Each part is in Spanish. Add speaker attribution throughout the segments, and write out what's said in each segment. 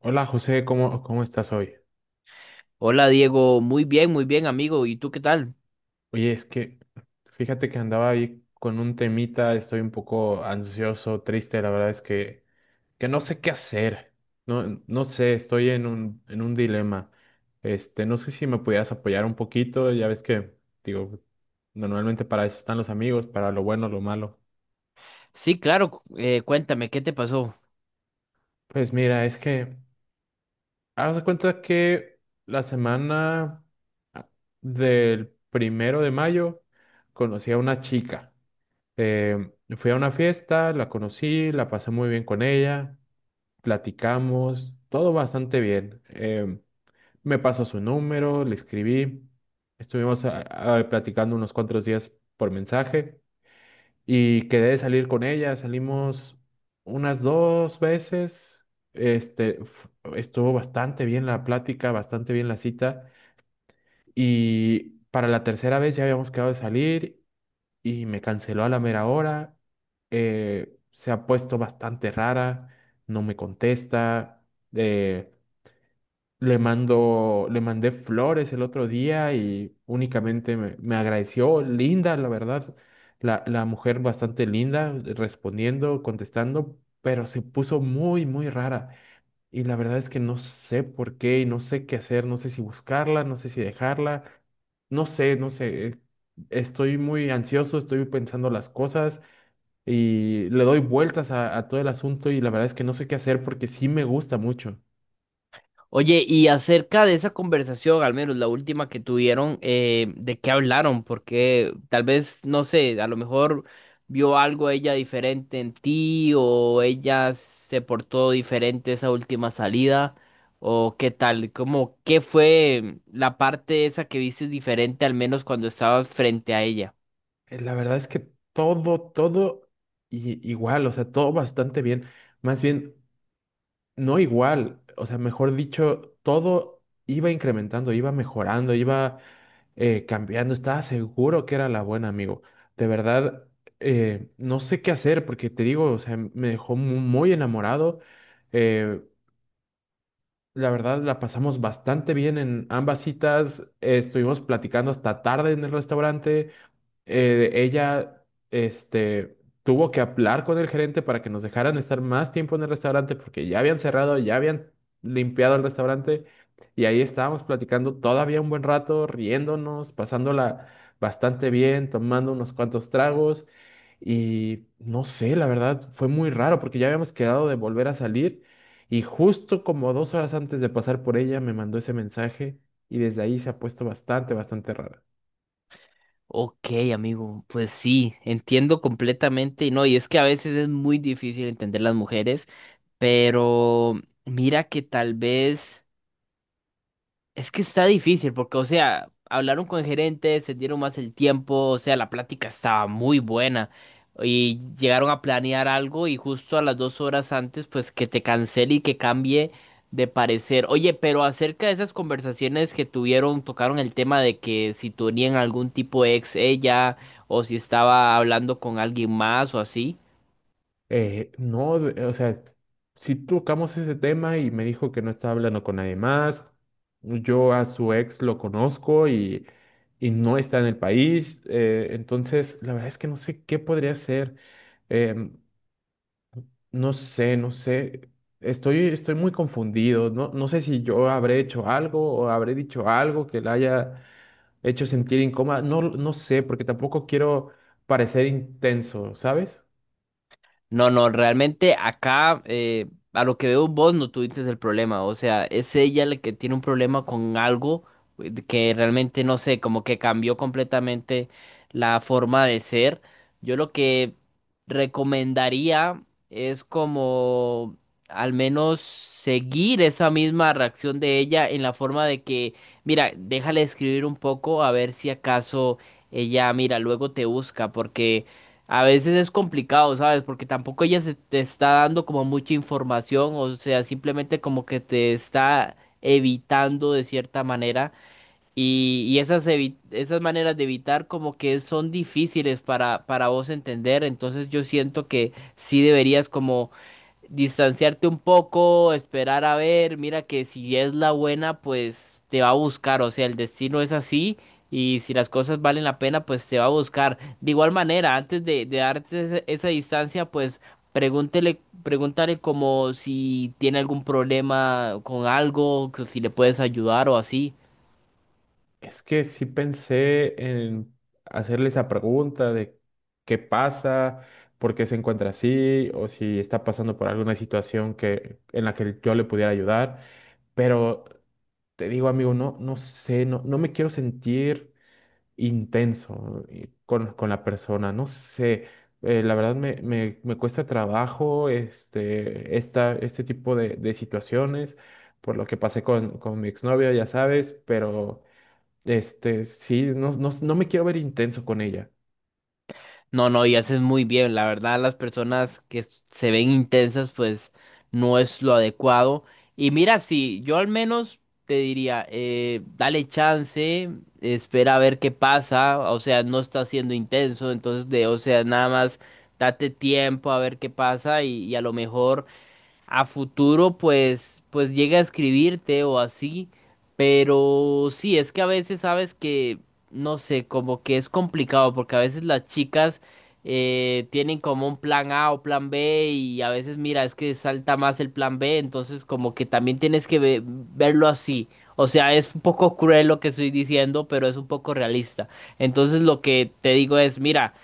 Speaker 1: Hola José, ¿cómo estás hoy?
Speaker 2: Hola Diego, muy bien amigo, ¿y tú qué tal?
Speaker 1: Oye, es que fíjate que andaba ahí con un temita. Estoy un poco ansioso, triste. La verdad es que no sé qué hacer. No, no sé, estoy en un dilema. No sé si me pudieras apoyar un poquito, ya ves que, digo, normalmente para eso están los amigos, para lo bueno, lo malo.
Speaker 2: Sí, claro, cuéntame, ¿qué te pasó?
Speaker 1: Pues mira, es que haz de cuenta que la semana ah, del 1 de mayo conocí a una chica. Eh, Fui a una fiesta, la conocí, la pasé muy bien con ella, platicamos, todo bastante bien. Me pasó su número, le escribí, estuvimos platicando unos cuantos días por mensaje y quedé de salir con ella. Salimos unas dos veces, este, f- estuvo bastante bien la plática, bastante bien la cita, y para la tercera vez ya habíamos quedado de salir y me canceló a la mera hora. Se ha puesto bastante rara, no me contesta. eh, le mandé flores el otro día y únicamente me agradeció. Linda, la verdad, la mujer bastante linda, respondiendo, contestando, pero se puso muy, muy rara. Y la verdad es que no sé por qué y no sé qué hacer, no sé si buscarla, no sé si dejarla, no sé, no sé. Estoy muy ansioso, estoy pensando las cosas y le doy vueltas a todo el asunto, y la verdad es que no sé qué hacer porque sí me gusta mucho.
Speaker 2: Oye, y acerca de esa conversación, al menos la última que tuvieron, ¿de qué hablaron? Porque tal vez, no sé, a lo mejor vio algo ella diferente en ti o ella se portó diferente esa última salida o qué tal, ¿cómo qué fue la parte esa que viste diferente al menos cuando estabas frente a ella?
Speaker 1: La verdad es que todo igual, o sea, todo bastante bien. Más bien, no igual, o sea, mejor dicho, todo iba incrementando, iba mejorando, iba cambiando. Estaba seguro que era la buena, amigo. De verdad. No sé qué hacer porque te digo, o sea, me dejó muy enamorado. eh, la verdad, la pasamos bastante bien en ambas citas. Estuvimos platicando hasta tarde en el restaurante. Ella, este, tuvo que hablar con el gerente para que nos dejaran estar más tiempo en el restaurante porque ya habían cerrado, ya habían limpiado el restaurante, y ahí estábamos platicando todavía un buen rato, riéndonos, pasándola bastante bien, tomando unos cuantos tragos. Y no sé, la verdad fue muy raro porque ya habíamos quedado de volver a salir y justo como 2 horas antes de pasar por ella me mandó ese mensaje, y desde ahí se ha puesto bastante, bastante raro.
Speaker 2: Ok, amigo, pues sí, entiendo completamente, y no, y es que a veces es muy difícil entender las mujeres, pero mira que tal vez. Es que está difícil porque, o sea, hablaron con el gerente, se dieron más el tiempo, o sea, la plática estaba muy buena y llegaron a planear algo y justo a las 2 horas antes, pues que te cancele y que cambie de parecer. Oye, pero acerca de esas conversaciones que tuvieron, tocaron el tema de que si tenían algún tipo de ex ella o si estaba hablando con alguien más o así.
Speaker 1: No, o sea, sí tocamos ese tema y me dijo que no estaba hablando con nadie más. Yo a su ex lo conozco, y no está en el país. Entonces, la verdad es que no sé qué podría hacer. em, no sé, no sé. Estoy muy confundido. No, no sé si yo habré hecho algo o habré dicho algo que la haya hecho sentir incómoda. No, no sé, porque tampoco quiero parecer intenso, ¿sabes?
Speaker 2: No, no, realmente acá, a lo que veo vos no tuviste el problema, o sea, es ella la que tiene un problema con algo de que realmente no sé, como que cambió completamente la forma de ser. Yo lo que recomendaría es como al menos seguir esa misma reacción de ella en la forma de que, mira, déjale escribir un poco a ver si acaso ella, mira, luego te busca, porque... A veces es complicado, ¿sabes? Porque tampoco ella se te está dando como mucha información, o sea, simplemente como que te está evitando de cierta manera. Y esas, esas maneras de evitar como que son difíciles para vos entender. Entonces yo siento que sí deberías como distanciarte un poco, esperar a ver, mira que si es la buena, pues te va a buscar, o sea, el destino es así y si las cosas valen la pena, pues te va a buscar. De igual manera, de darte esa distancia, pues pregúntale como si tiene algún problema con algo, que si le puedes ayudar o así.
Speaker 1: Es que sí pensé en hacerle esa pregunta de qué pasa, por qué se encuentra así, o si está pasando por alguna situación en la que yo le pudiera ayudar. Pero te digo, amigo, no, no sé, no, no me quiero sentir intenso, con la persona, no sé. La verdad me cuesta trabajo este tipo de situaciones, por lo que pasé con mi exnovia, ya sabes, pero... Sí, no, no, no me quiero ver intenso con ella.
Speaker 2: No, no, y haces muy bien. La verdad, las personas que se ven intensas, pues no es lo adecuado. Y mira, sí, yo al menos te diría, dale chance, espera a ver qué pasa. O sea, no está siendo intenso, entonces de, o sea, nada más date tiempo a ver qué pasa y a lo mejor a futuro pues llega a escribirte o así, pero sí, es que a veces sabes que no sé, como que es complicado porque a veces las chicas tienen como un plan A o plan B y a veces mira, es que salta más el plan B, entonces como que también tienes que verlo así. O sea, es un poco cruel lo que estoy diciendo, pero es un poco realista. Entonces lo que te digo es, mira,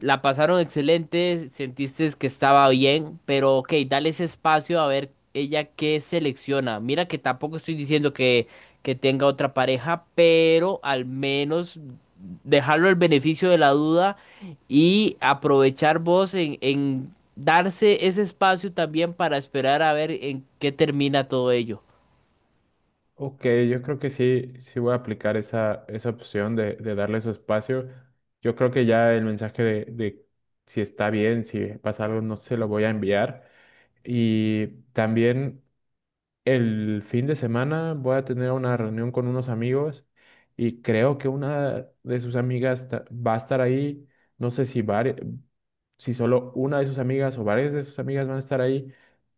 Speaker 2: la pasaron excelente, sentiste que estaba bien, pero ok, dale ese espacio a ver ella qué selecciona. Mira que tampoco estoy diciendo que tenga otra pareja, pero al menos dejarlo al beneficio de la duda y aprovechar vos en darse ese espacio también para esperar a ver en qué termina todo ello.
Speaker 1: Ok, yo creo que sí, sí voy a aplicar esa opción de darle su espacio. Yo creo que ya el mensaje de si está bien, si pasa algo, no se lo voy a enviar. Y también el fin de semana voy a tener una reunión con unos amigos, y creo que una de sus amigas va a estar ahí. No sé si solo una de sus amigas o varias de sus amigas van a estar ahí.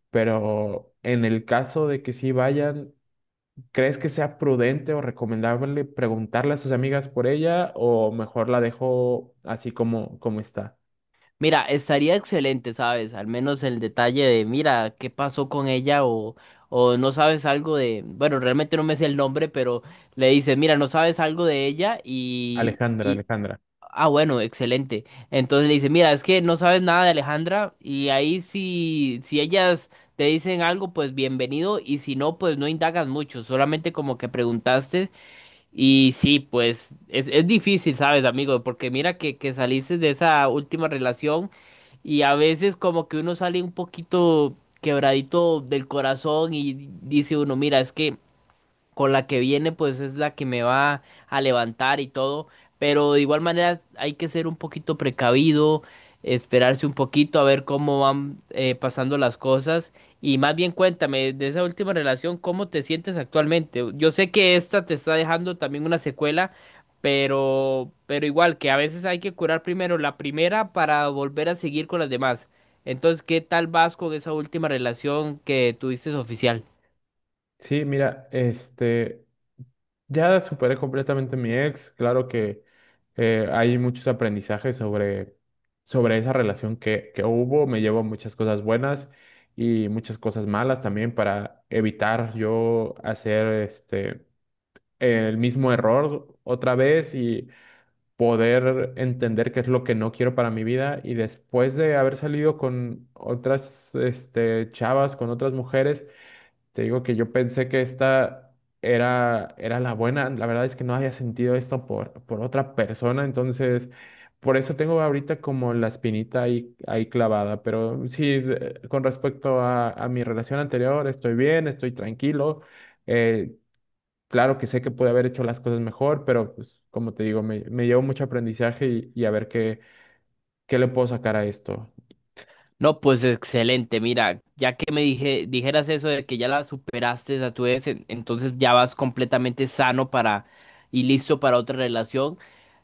Speaker 1: Pero en el caso de que sí vayan, ¿crees que sea prudente o recomendable preguntarle a sus amigas por ella, o mejor la dejo así como está?
Speaker 2: Mira, estaría excelente, ¿sabes? Al menos el detalle de, mira, qué pasó con ella o no sabes algo de, bueno, realmente no me sé el nombre, pero le dice, mira, no sabes algo de ella y,
Speaker 1: Alejandra,
Speaker 2: y,
Speaker 1: Alejandra.
Speaker 2: ah, bueno, excelente. Entonces le dice, mira, es que no sabes nada de Alejandra y ahí si, si ellas te dicen algo, pues bienvenido y si no, pues no indagas mucho, solamente como que preguntaste y sí, pues es difícil, ¿sabes, amigo? Porque mira que saliste de esa última relación y a veces como que uno sale un poquito quebradito del corazón y dice uno, mira, es que con la que viene, pues es la que me va a levantar y todo. Pero de igual manera hay que ser un poquito precavido, esperarse un poquito a ver cómo van pasando las cosas. Y más bien cuéntame de esa última relación, ¿cómo te sientes actualmente? Yo sé que esta te está dejando también una secuela, pero igual que a veces hay que curar primero la primera para volver a seguir con las demás. Entonces, ¿qué tal vas con esa última relación que tuviste oficial?
Speaker 1: Sí, mira, ya superé completamente a mi ex. Claro que hay muchos aprendizajes sobre esa relación que hubo. Me llevo muchas cosas buenas y muchas cosas malas también, para evitar yo hacer el mismo error otra vez, y poder entender qué es lo que no quiero para mi vida. Y después de haber salido con otras, chavas, con otras mujeres, te digo que yo pensé que esta era la buena. La verdad es que no había sentido esto por otra persona. Entonces, por eso tengo ahorita como la espinita ahí clavada. Pero sí, con respecto a mi relación anterior, estoy bien, estoy tranquilo. Eh, Claro que sé que pude haber hecho las cosas mejor, pero pues como te digo, me llevo mucho aprendizaje, y a ver qué le puedo sacar a esto.
Speaker 2: No, pues excelente. Mira, ya que me dijeras eso de que ya la superaste a tu vez, entonces ya vas completamente sano para y listo para otra relación.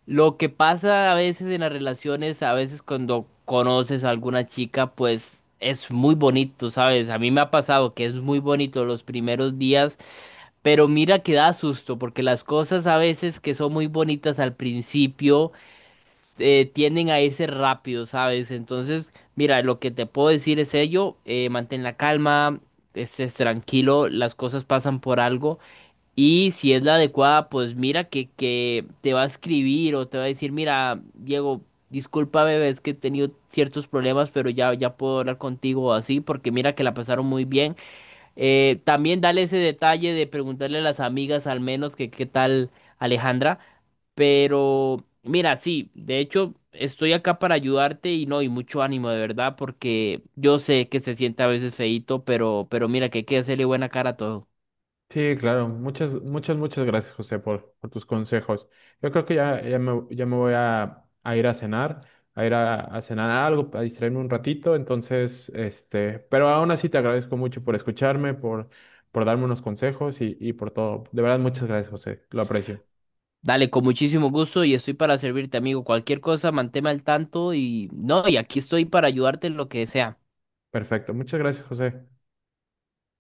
Speaker 2: Lo que pasa a veces en las relaciones, a veces cuando conoces a alguna chica, pues es muy bonito, ¿sabes? A mí me ha pasado que es muy bonito los primeros días, pero mira que da susto, porque las cosas a veces que son muy bonitas al principio tienden a irse rápido, ¿sabes? Entonces, mira, lo que te puedo decir es ello, mantén la calma, estés tranquilo, las cosas pasan por algo y si es la adecuada, pues mira que te va a escribir o te va a decir, mira, Diego, discúlpame bebé, es que he tenido ciertos problemas, pero ya, ya puedo hablar contigo o así, porque mira que la pasaron muy bien. También dale ese detalle de preguntarle a las amigas al menos que qué tal Alejandra. Pero mira, sí, de hecho estoy acá para ayudarte y no, y mucho ánimo de verdad, porque yo sé que se siente a veces feíto, pero mira que hay que hacerle buena cara a todo.
Speaker 1: Sí, claro. Muchas, muchas, muchas gracias, José, por tus consejos. Yo creo que ya me voy a ir a cenar algo, a distraerme un ratito. Entonces, pero aún así te agradezco mucho por escucharme, por darme unos consejos, y por todo. De verdad, muchas gracias, José. Lo aprecio.
Speaker 2: Dale, con muchísimo gusto y estoy para servirte, amigo. Cualquier cosa, manténme al tanto y no, y aquí estoy para ayudarte en lo que sea.
Speaker 1: Perfecto. Muchas gracias, José.